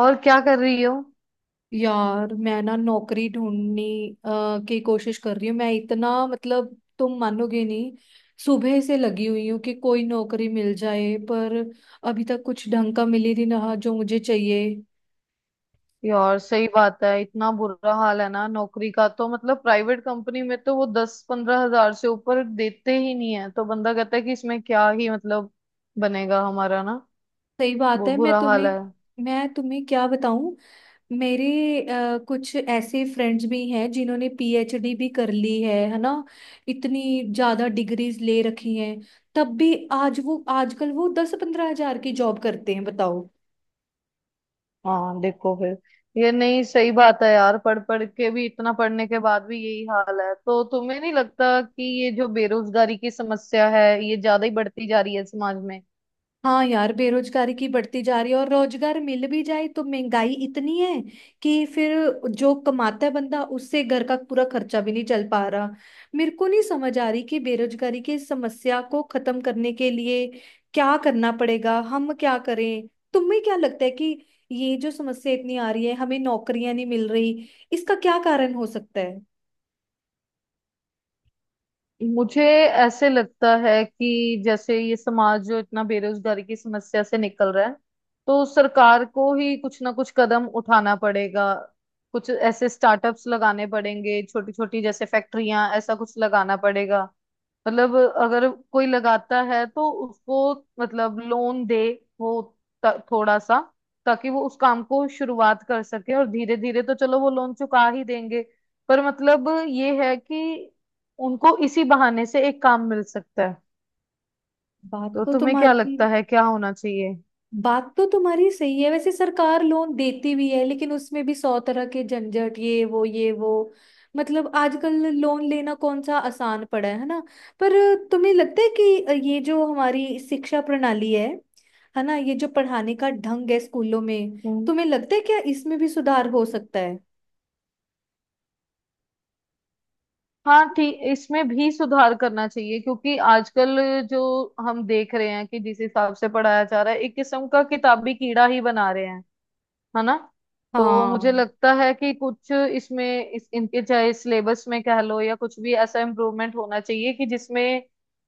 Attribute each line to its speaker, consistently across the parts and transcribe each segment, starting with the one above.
Speaker 1: और क्या कर रही हो?
Speaker 2: यार मैं ना नौकरी ढूंढने की कोशिश कर रही हूँ। मैं इतना, मतलब तुम मानोगे नहीं। सुबह से लगी हुई हूँ कि कोई नौकरी मिल जाए, पर अभी तक कुछ ढंग का मिल ही नहीं रहा जो मुझे चाहिए।
Speaker 1: यार सही बात है। इतना बुरा हाल है ना नौकरी का तो मतलब प्राइवेट कंपनी में तो वो 10-15 हज़ार से ऊपर देते ही नहीं है तो बंदा कहता है कि इसमें क्या ही मतलब बनेगा हमारा ना।
Speaker 2: सही बात
Speaker 1: वो
Speaker 2: है।
Speaker 1: बुरा हाल है।
Speaker 2: मैं तुम्हें क्या बताऊं। मेरे कुछ ऐसे फ्रेंड्स भी हैं जिन्होंने पीएचडी भी कर ली है ना। इतनी ज्यादा डिग्रीज ले रखी हैं। तब भी आज वो आजकल वो 10-15 हजार की जॉब करते हैं, बताओ।
Speaker 1: हाँ देखो फिर ये नहीं सही बात है यार। पढ़ पढ़ के भी इतना पढ़ने के बाद भी यही हाल है तो तुम्हें नहीं लगता कि ये जो बेरोजगारी की समस्या है ये ज्यादा ही बढ़ती जा रही है समाज में?
Speaker 2: हाँ यार बेरोजगारी की बढ़ती जा रही है और रोजगार मिल भी जाए तो महंगाई इतनी है कि फिर जो कमाता है बंदा, उससे घर का पूरा खर्चा भी नहीं चल पा रहा। मेरे को नहीं समझ आ रही कि बेरोजगारी की इस समस्या को खत्म करने के लिए क्या करना पड़ेगा, हम क्या करें। तुम्हें क्या लगता है कि ये जो समस्या इतनी आ रही है, हमें नौकरियां नहीं मिल रही, इसका क्या कारण हो सकता है?
Speaker 1: मुझे ऐसे लगता है कि जैसे ये समाज जो इतना बेरोजगारी की समस्या से निकल रहा है तो सरकार को ही कुछ ना कुछ कदम उठाना पड़ेगा। कुछ ऐसे स्टार्टअप्स लगाने पड़ेंगे छोटी छोटी जैसे फैक्ट्रियां ऐसा कुछ लगाना पड़ेगा। मतलब अगर कोई लगाता है तो उसको मतलब लोन दे वो थोड़ा सा, ताकि वो उस काम को शुरुआत कर सके और धीरे धीरे तो चलो वो लोन चुका ही देंगे। पर मतलब ये है कि उनको इसी बहाने से एक काम मिल सकता है।
Speaker 2: बात
Speaker 1: तो
Speaker 2: तो
Speaker 1: तुम्हें क्या
Speaker 2: तुम्हारी
Speaker 1: लगता है क्या होना चाहिए?
Speaker 2: बात तो तुम्हारी सही है। वैसे सरकार लोन देती भी है, लेकिन उसमें भी सौ तरह के झंझट, ये वो ये वो। मतलब आजकल लोन लेना कौन सा आसान पड़ा है ना। पर तुम्हें लगता है कि ये जो हमारी शिक्षा प्रणाली है ना, ये जो पढ़ाने का ढंग है स्कूलों में,
Speaker 1: हम्म।
Speaker 2: तुम्हें लगता है क्या इसमें भी सुधार हो सकता है?
Speaker 1: हाँ ठीक इसमें भी सुधार करना चाहिए क्योंकि आजकल जो हम देख रहे हैं कि जिस हिसाब से पढ़ाया जा रहा है एक किस्म का किताबी कीड़ा ही बना रहे हैं है ना। तो मुझे
Speaker 2: हाँ
Speaker 1: लगता है कि कुछ इसमें इस इनके चाहे सिलेबस में कह लो या कुछ भी ऐसा इम्प्रूवमेंट होना चाहिए कि जिसमें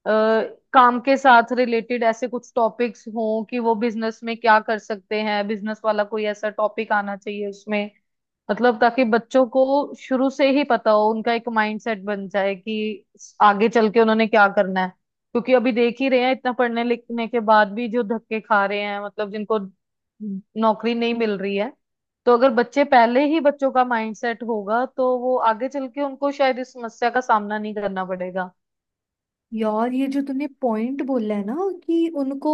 Speaker 1: अ, काम के साथ रिलेटेड ऐसे कुछ टॉपिक्स हों कि वो बिजनेस में क्या कर सकते हैं। बिजनेस वाला कोई ऐसा टॉपिक आना चाहिए उसमें। मतलब ताकि बच्चों को शुरू से ही पता हो, उनका एक माइंडसेट बन जाए कि आगे चल के उन्होंने क्या करना है। क्योंकि अभी देख ही रहे हैं इतना पढ़ने लिखने के बाद भी जो धक्के खा रहे हैं, मतलब जिनको नौकरी नहीं मिल रही है। तो अगर बच्चे पहले ही बच्चों का माइंडसेट होगा तो वो आगे चल के उनको शायद इस समस्या का सामना नहीं करना पड़ेगा।
Speaker 2: यार, ये जो तूने पॉइंट बोला है ना, कि उनको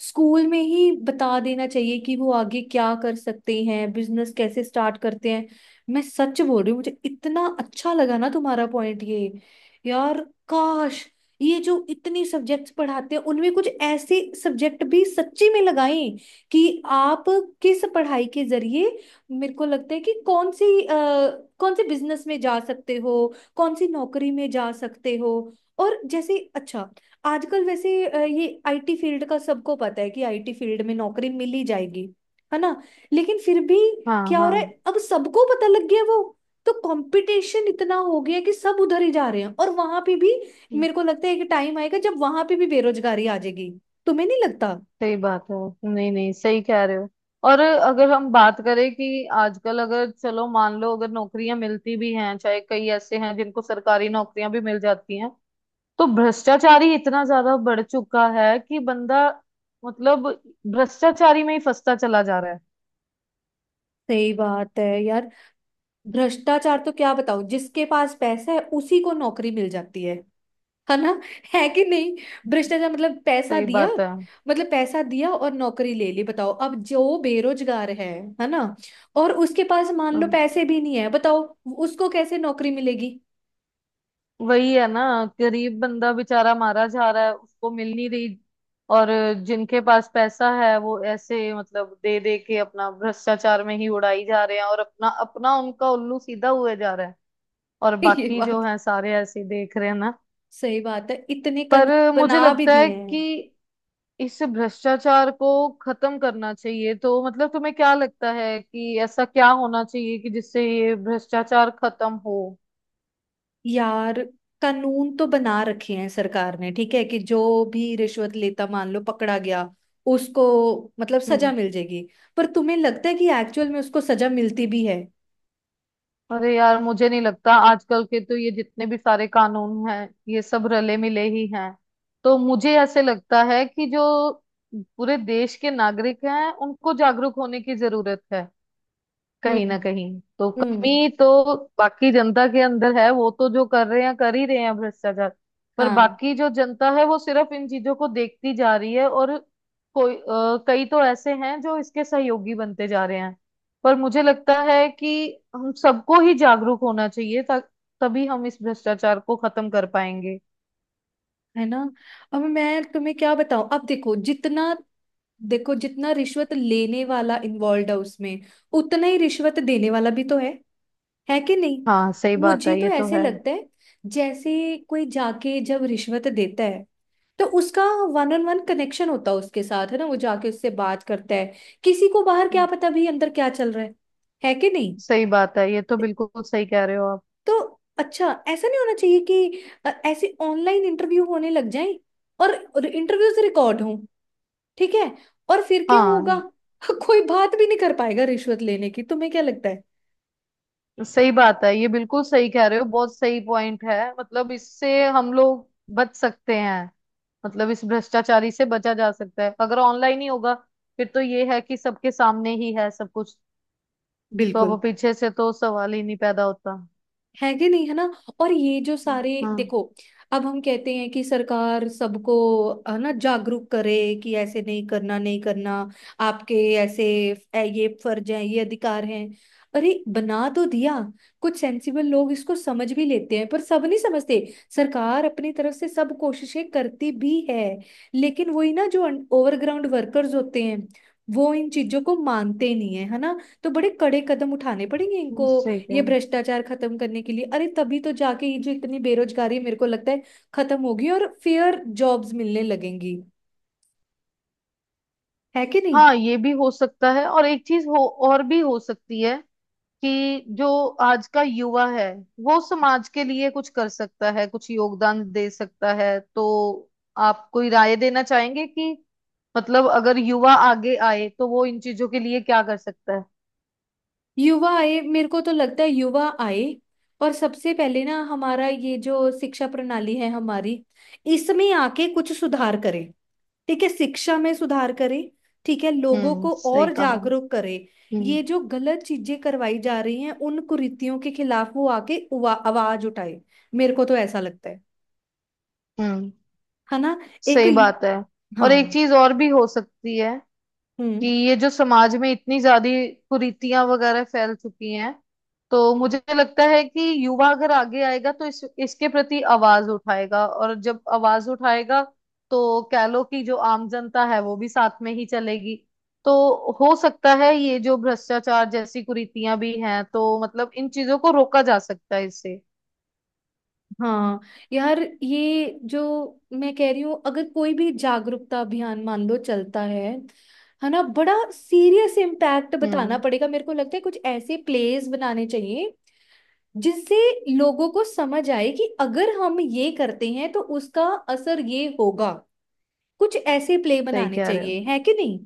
Speaker 2: स्कूल में ही बता देना चाहिए कि वो आगे क्या कर सकते हैं, बिजनेस कैसे स्टार्ट करते हैं। मैं सच बोल रही हूँ, मुझे इतना अच्छा लगा ना तुम्हारा पॉइंट ये। यार काश ये जो इतनी सब्जेक्ट्स पढ़ाते हैं उनमें कुछ ऐसे सब्जेक्ट भी सच्ची में लगाएं कि आप किस पढ़ाई के जरिए, मेरे को लगता है कि कौन सी कौन से बिजनेस में जा सकते हो, कौन सी नौकरी में जा सकते हो। और जैसे अच्छा, आजकल वैसे ये आईटी फील्ड का सबको पता है कि आईटी फील्ड में नौकरी मिल ही जाएगी, है ना। लेकिन फिर भी
Speaker 1: हाँ
Speaker 2: क्या हो रहा
Speaker 1: हाँ।
Speaker 2: है, अब सबको पता लग गया, वो तो कंपटीशन इतना हो गया कि सब उधर ही जा रहे हैं, और वहां पे भी मेरे को लगता है कि टाइम आएगा जब वहां पे भी बेरोजगारी आ जाएगी। तुम्हें नहीं लगता?
Speaker 1: सही बात है। नहीं नहीं, सही कह रहे हो। और अगर हम बात करें कि आजकल अगर चलो मान लो अगर नौकरियां मिलती भी हैं, चाहे कई ऐसे हैं जिनको सरकारी नौकरियां भी मिल जाती हैं, तो भ्रष्टाचारी इतना ज्यादा बढ़ चुका है कि बंदा मतलब भ्रष्टाचारी में ही फंसता चला जा रहा है।
Speaker 2: सही बात है यार। भ्रष्टाचार तो क्या बताऊं, जिसके पास पैसा है उसी को नौकरी मिल जाती है ना, है कि नहीं। भ्रष्टाचार मतलब पैसा
Speaker 1: सही
Speaker 2: दिया,
Speaker 1: बात
Speaker 2: मतलब पैसा दिया और नौकरी ले ली, बताओ। अब जो बेरोजगार है ना, और उसके पास मान
Speaker 1: है।
Speaker 2: लो पैसे भी नहीं है, बताओ, उसको कैसे नौकरी मिलेगी?
Speaker 1: वही है ना। गरीब बंदा बेचारा मारा जा रहा है, उसको मिल नहीं रही। और जिनके पास पैसा है वो ऐसे मतलब दे दे के अपना भ्रष्टाचार में ही उड़ाई जा रहे हैं और अपना अपना उनका उल्लू सीधा हुए जा रहा है। और
Speaker 2: ये
Speaker 1: बाकी जो
Speaker 2: बात,
Speaker 1: है सारे ऐसे ही देख रहे हैं ना।
Speaker 2: सही बात है, इतने
Speaker 1: पर
Speaker 2: कानून
Speaker 1: मुझे
Speaker 2: बना भी
Speaker 1: लगता
Speaker 2: दिए
Speaker 1: है कि
Speaker 2: हैं।
Speaker 1: इस भ्रष्टाचार को खत्म करना चाहिए, तो मतलब तुम्हें क्या लगता है कि ऐसा क्या होना चाहिए कि जिससे ये भ्रष्टाचार खत्म हो?
Speaker 2: यार कानून तो बना रखे हैं सरकार ने, ठीक है कि जो भी रिश्वत लेता मान लो पकड़ा गया, उसको मतलब सजा
Speaker 1: हम्म।
Speaker 2: मिल जाएगी। पर तुम्हें लगता है कि एक्चुअल में उसको सजा मिलती भी है?
Speaker 1: अरे यार मुझे नहीं लगता, आजकल के तो ये जितने भी सारे कानून हैं ये सब रले मिले ही हैं। तो मुझे ऐसे लगता है कि जो पूरे देश के नागरिक हैं उनको जागरूक होने की जरूरत है। कहीं ना
Speaker 2: हम्म।
Speaker 1: कहीं तो
Speaker 2: हम्म।
Speaker 1: कमी तो बाकी जनता के अंदर है, वो तो जो कर रहे हैं कर ही रहे हैं भ्रष्टाचार। पर
Speaker 2: हाँ।
Speaker 1: बाकी जो जनता है वो सिर्फ इन चीजों को देखती जा रही है, और कोई कई तो ऐसे हैं जो इसके सहयोगी बनते जा रहे हैं। पर मुझे लगता है कि हम सबको ही जागरूक होना चाहिए, तभी हम इस भ्रष्टाचार को खत्म कर पाएंगे।
Speaker 2: है ना। अब मैं तुम्हें क्या बताऊं, अब देखो जितना रिश्वत लेने वाला इन्वॉल्व है उसमें, उतना ही रिश्वत देने वाला भी तो है कि नहीं।
Speaker 1: हाँ सही बात
Speaker 2: मुझे
Speaker 1: है,
Speaker 2: तो
Speaker 1: ये तो
Speaker 2: ऐसे
Speaker 1: है।
Speaker 2: लगता है जैसे कोई जाके जब रिश्वत देता है, तो उसका वन ऑन वन कनेक्शन होता है उसके साथ, है ना, वो जाके उससे बात करता है, किसी को बाहर क्या पता भी अंदर क्या चल रहा है कि नहीं।
Speaker 1: सही बात है, ये तो बिल्कुल सही कह रहे हो आप।
Speaker 2: तो अच्छा, ऐसा नहीं होना चाहिए कि ऐसे ऑनलाइन इंटरव्यू होने लग जाए, और इंटरव्यूज रिकॉर्ड हों, ठीक है, और फिर क्या
Speaker 1: हाँ
Speaker 2: होगा? कोई बात भी नहीं कर पाएगा रिश्वत लेने की, तुम्हें क्या लगता है।
Speaker 1: सही बात है, ये बिल्कुल सही कह रहे हो। बहुत सही पॉइंट है, मतलब इससे हम लोग बच सकते हैं। मतलब इस भ्रष्टाचारी से बचा जा सकता है, अगर ऑनलाइन ही होगा फिर तो ये है कि सबके सामने ही है सब कुछ। तो
Speaker 2: बिल्कुल।
Speaker 1: अब पीछे से तो सवाल ही नहीं पैदा होता।
Speaker 2: है कि नहीं, है ना। और ये जो सारे
Speaker 1: हाँ
Speaker 2: देखो, अब हम कहते हैं कि सरकार सबको, है ना, जागरूक करे कि ऐसे नहीं करना, नहीं करना, आपके ऐसे ये फर्ज हैं, ये अधिकार हैं। अरे बना तो दिया, कुछ सेंसिबल लोग इसको समझ भी लेते हैं पर सब नहीं समझते। सरकार अपनी तरफ से सब कोशिशें करती भी है, लेकिन वही ना, जो ओवरग्राउंड वर्कर्स होते हैं वो इन चीजों को मानते नहीं है, है ना। तो बड़े कड़े कदम उठाने पड़ेंगे इनको,
Speaker 1: सही कह रहे
Speaker 2: ये
Speaker 1: हो।
Speaker 2: भ्रष्टाचार खत्म करने के लिए। अरे तभी तो जाके ये जो इतनी बेरोजगारी, मेरे को लगता है, खत्म होगी और फेयर जॉब्स मिलने लगेंगी, है कि नहीं।
Speaker 1: हाँ ये भी हो सकता है, और एक चीज हो और भी हो सकती है कि जो आज का युवा है वो समाज के लिए कुछ कर सकता है, कुछ योगदान दे सकता है। तो आप कोई राय देना चाहेंगे कि मतलब अगर युवा आगे आए तो वो इन चीजों के लिए क्या कर सकता है?
Speaker 2: युवा आए, मेरे को तो लगता है युवा आए, और सबसे पहले ना हमारा ये जो शिक्षा प्रणाली है हमारी, इसमें आके कुछ सुधार करे। ठीक है, शिक्षा में सुधार करे, ठीक है, लोगों को
Speaker 1: सही
Speaker 2: और
Speaker 1: कहा।
Speaker 2: जागरूक करे।
Speaker 1: हम्म।
Speaker 2: ये जो गलत चीजें करवाई जा रही हैं, उन कुरीतियों के खिलाफ वो आके आवाज उठाए। मेरे को तो ऐसा लगता है
Speaker 1: हम्म
Speaker 2: है ना। एक
Speaker 1: सही बात है। और एक
Speaker 2: हाँ।
Speaker 1: चीज और भी हो सकती है कि
Speaker 2: हम्म।
Speaker 1: ये जो समाज में इतनी ज्यादा कुरीतियां वगैरह फैल चुकी हैं, तो
Speaker 2: हम्म।
Speaker 1: मुझे लगता है कि युवा अगर आगे आएगा तो इस इसके प्रति आवाज उठाएगा, और जब आवाज उठाएगा तो कह लो कि जो आम जनता है वो भी साथ में ही चलेगी। तो हो सकता है ये जो भ्रष्टाचार जैसी कुरीतियां भी हैं तो मतलब इन चीजों को रोका जा सकता है इससे।
Speaker 2: हाँ यार, ये जो मैं कह रही हूँ, अगर कोई भी जागरूकता अभियान मान लो चलता है ना, बड़ा सीरियस इम्पैक्ट बताना
Speaker 1: हम्म
Speaker 2: पड़ेगा, मेरे को लगता है कुछ ऐसे प्लेस बनाने चाहिए जिससे लोगों को समझ आए कि अगर हम ये करते हैं तो उसका असर ये होगा। कुछ ऐसे प्ले
Speaker 1: सही
Speaker 2: बनाने
Speaker 1: कह रहे
Speaker 2: चाहिए,
Speaker 1: हो।
Speaker 2: है कि नहीं।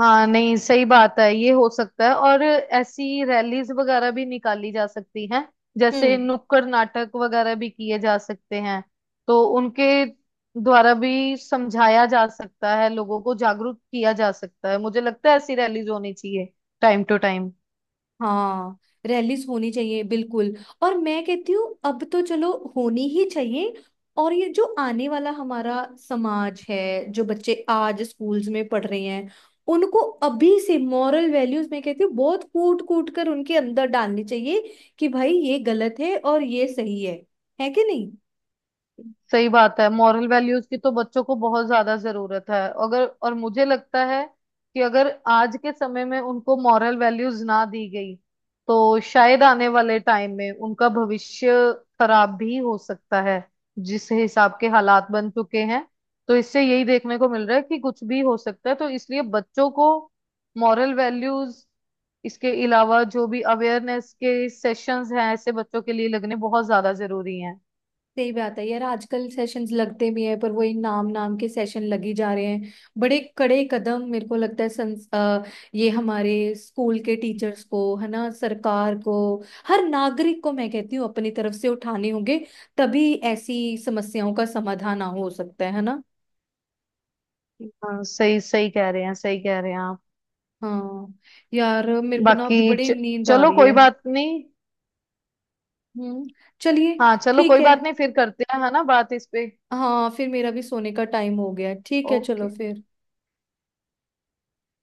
Speaker 1: हाँ नहीं सही बात है, ये हो सकता है, और ऐसी रैलीज वगैरह भी निकाली जा सकती हैं। जैसे
Speaker 2: हम्म।
Speaker 1: नुक्कड़ नाटक वगैरह भी किए जा सकते हैं। तो उनके द्वारा भी समझाया जा सकता है, लोगों को जागरूक किया जा सकता है। मुझे लगता है ऐसी रैलीज होनी चाहिए टाइम टू टाइम।
Speaker 2: हाँ। रैलीस होनी चाहिए, बिल्कुल। और मैं कहती हूँ, अब तो चलो होनी ही चाहिए। और ये जो आने वाला हमारा समाज है, जो बच्चे आज स्कूल्स में पढ़ रहे हैं, उनको अभी से मॉरल वैल्यूज, मैं कहती हूँ, बहुत कूट कूट कर उनके अंदर डालनी चाहिए कि भाई ये गलत है और ये सही है कि नहीं।
Speaker 1: सही बात है, मॉरल वैल्यूज की तो बच्चों को बहुत ज्यादा जरूरत है अगर। और मुझे लगता है कि अगर आज के समय में उनको मॉरल वैल्यूज ना दी गई तो शायद आने वाले टाइम में उनका भविष्य खराब भी हो सकता है। जिस हिसाब के हालात बन चुके हैं तो इससे यही देखने को मिल रहा है कि कुछ भी हो सकता है, तो इसलिए बच्चों को मॉरल वैल्यूज, इसके अलावा जो भी अवेयरनेस के सेशंस हैं ऐसे बच्चों के लिए लगने बहुत ज्यादा जरूरी हैं।
Speaker 2: सही बात है यार, आजकल सेशंस लगते भी हैं पर वही नाम नाम के सेशन लगी जा रहे हैं। बड़े कड़े कदम, मेरे को लगता है, ये हमारे स्कूल के टीचर्स को, है ना, सरकार को, हर नागरिक को, मैं कहती हूँ, अपनी तरफ से उठाने होंगे। तभी ऐसी समस्याओं का समाधान हो सकता है ना।
Speaker 1: हाँ सही सही कह रहे हैं, सही कह रहे हैं आप।
Speaker 2: हाँ यार, मेरे को ना
Speaker 1: बाकी
Speaker 2: अभी बड़ी नींद आ
Speaker 1: चलो
Speaker 2: रही
Speaker 1: कोई
Speaker 2: है।
Speaker 1: बात नहीं।
Speaker 2: हम्म। चलिए।
Speaker 1: हाँ चलो
Speaker 2: ठीक
Speaker 1: कोई
Speaker 2: है।
Speaker 1: बात नहीं, फिर करते हैं है ना बात इस पे।
Speaker 2: हाँ फिर मेरा भी सोने का टाइम हो गया है। ठीक है, चलो
Speaker 1: ओके।
Speaker 2: फिर।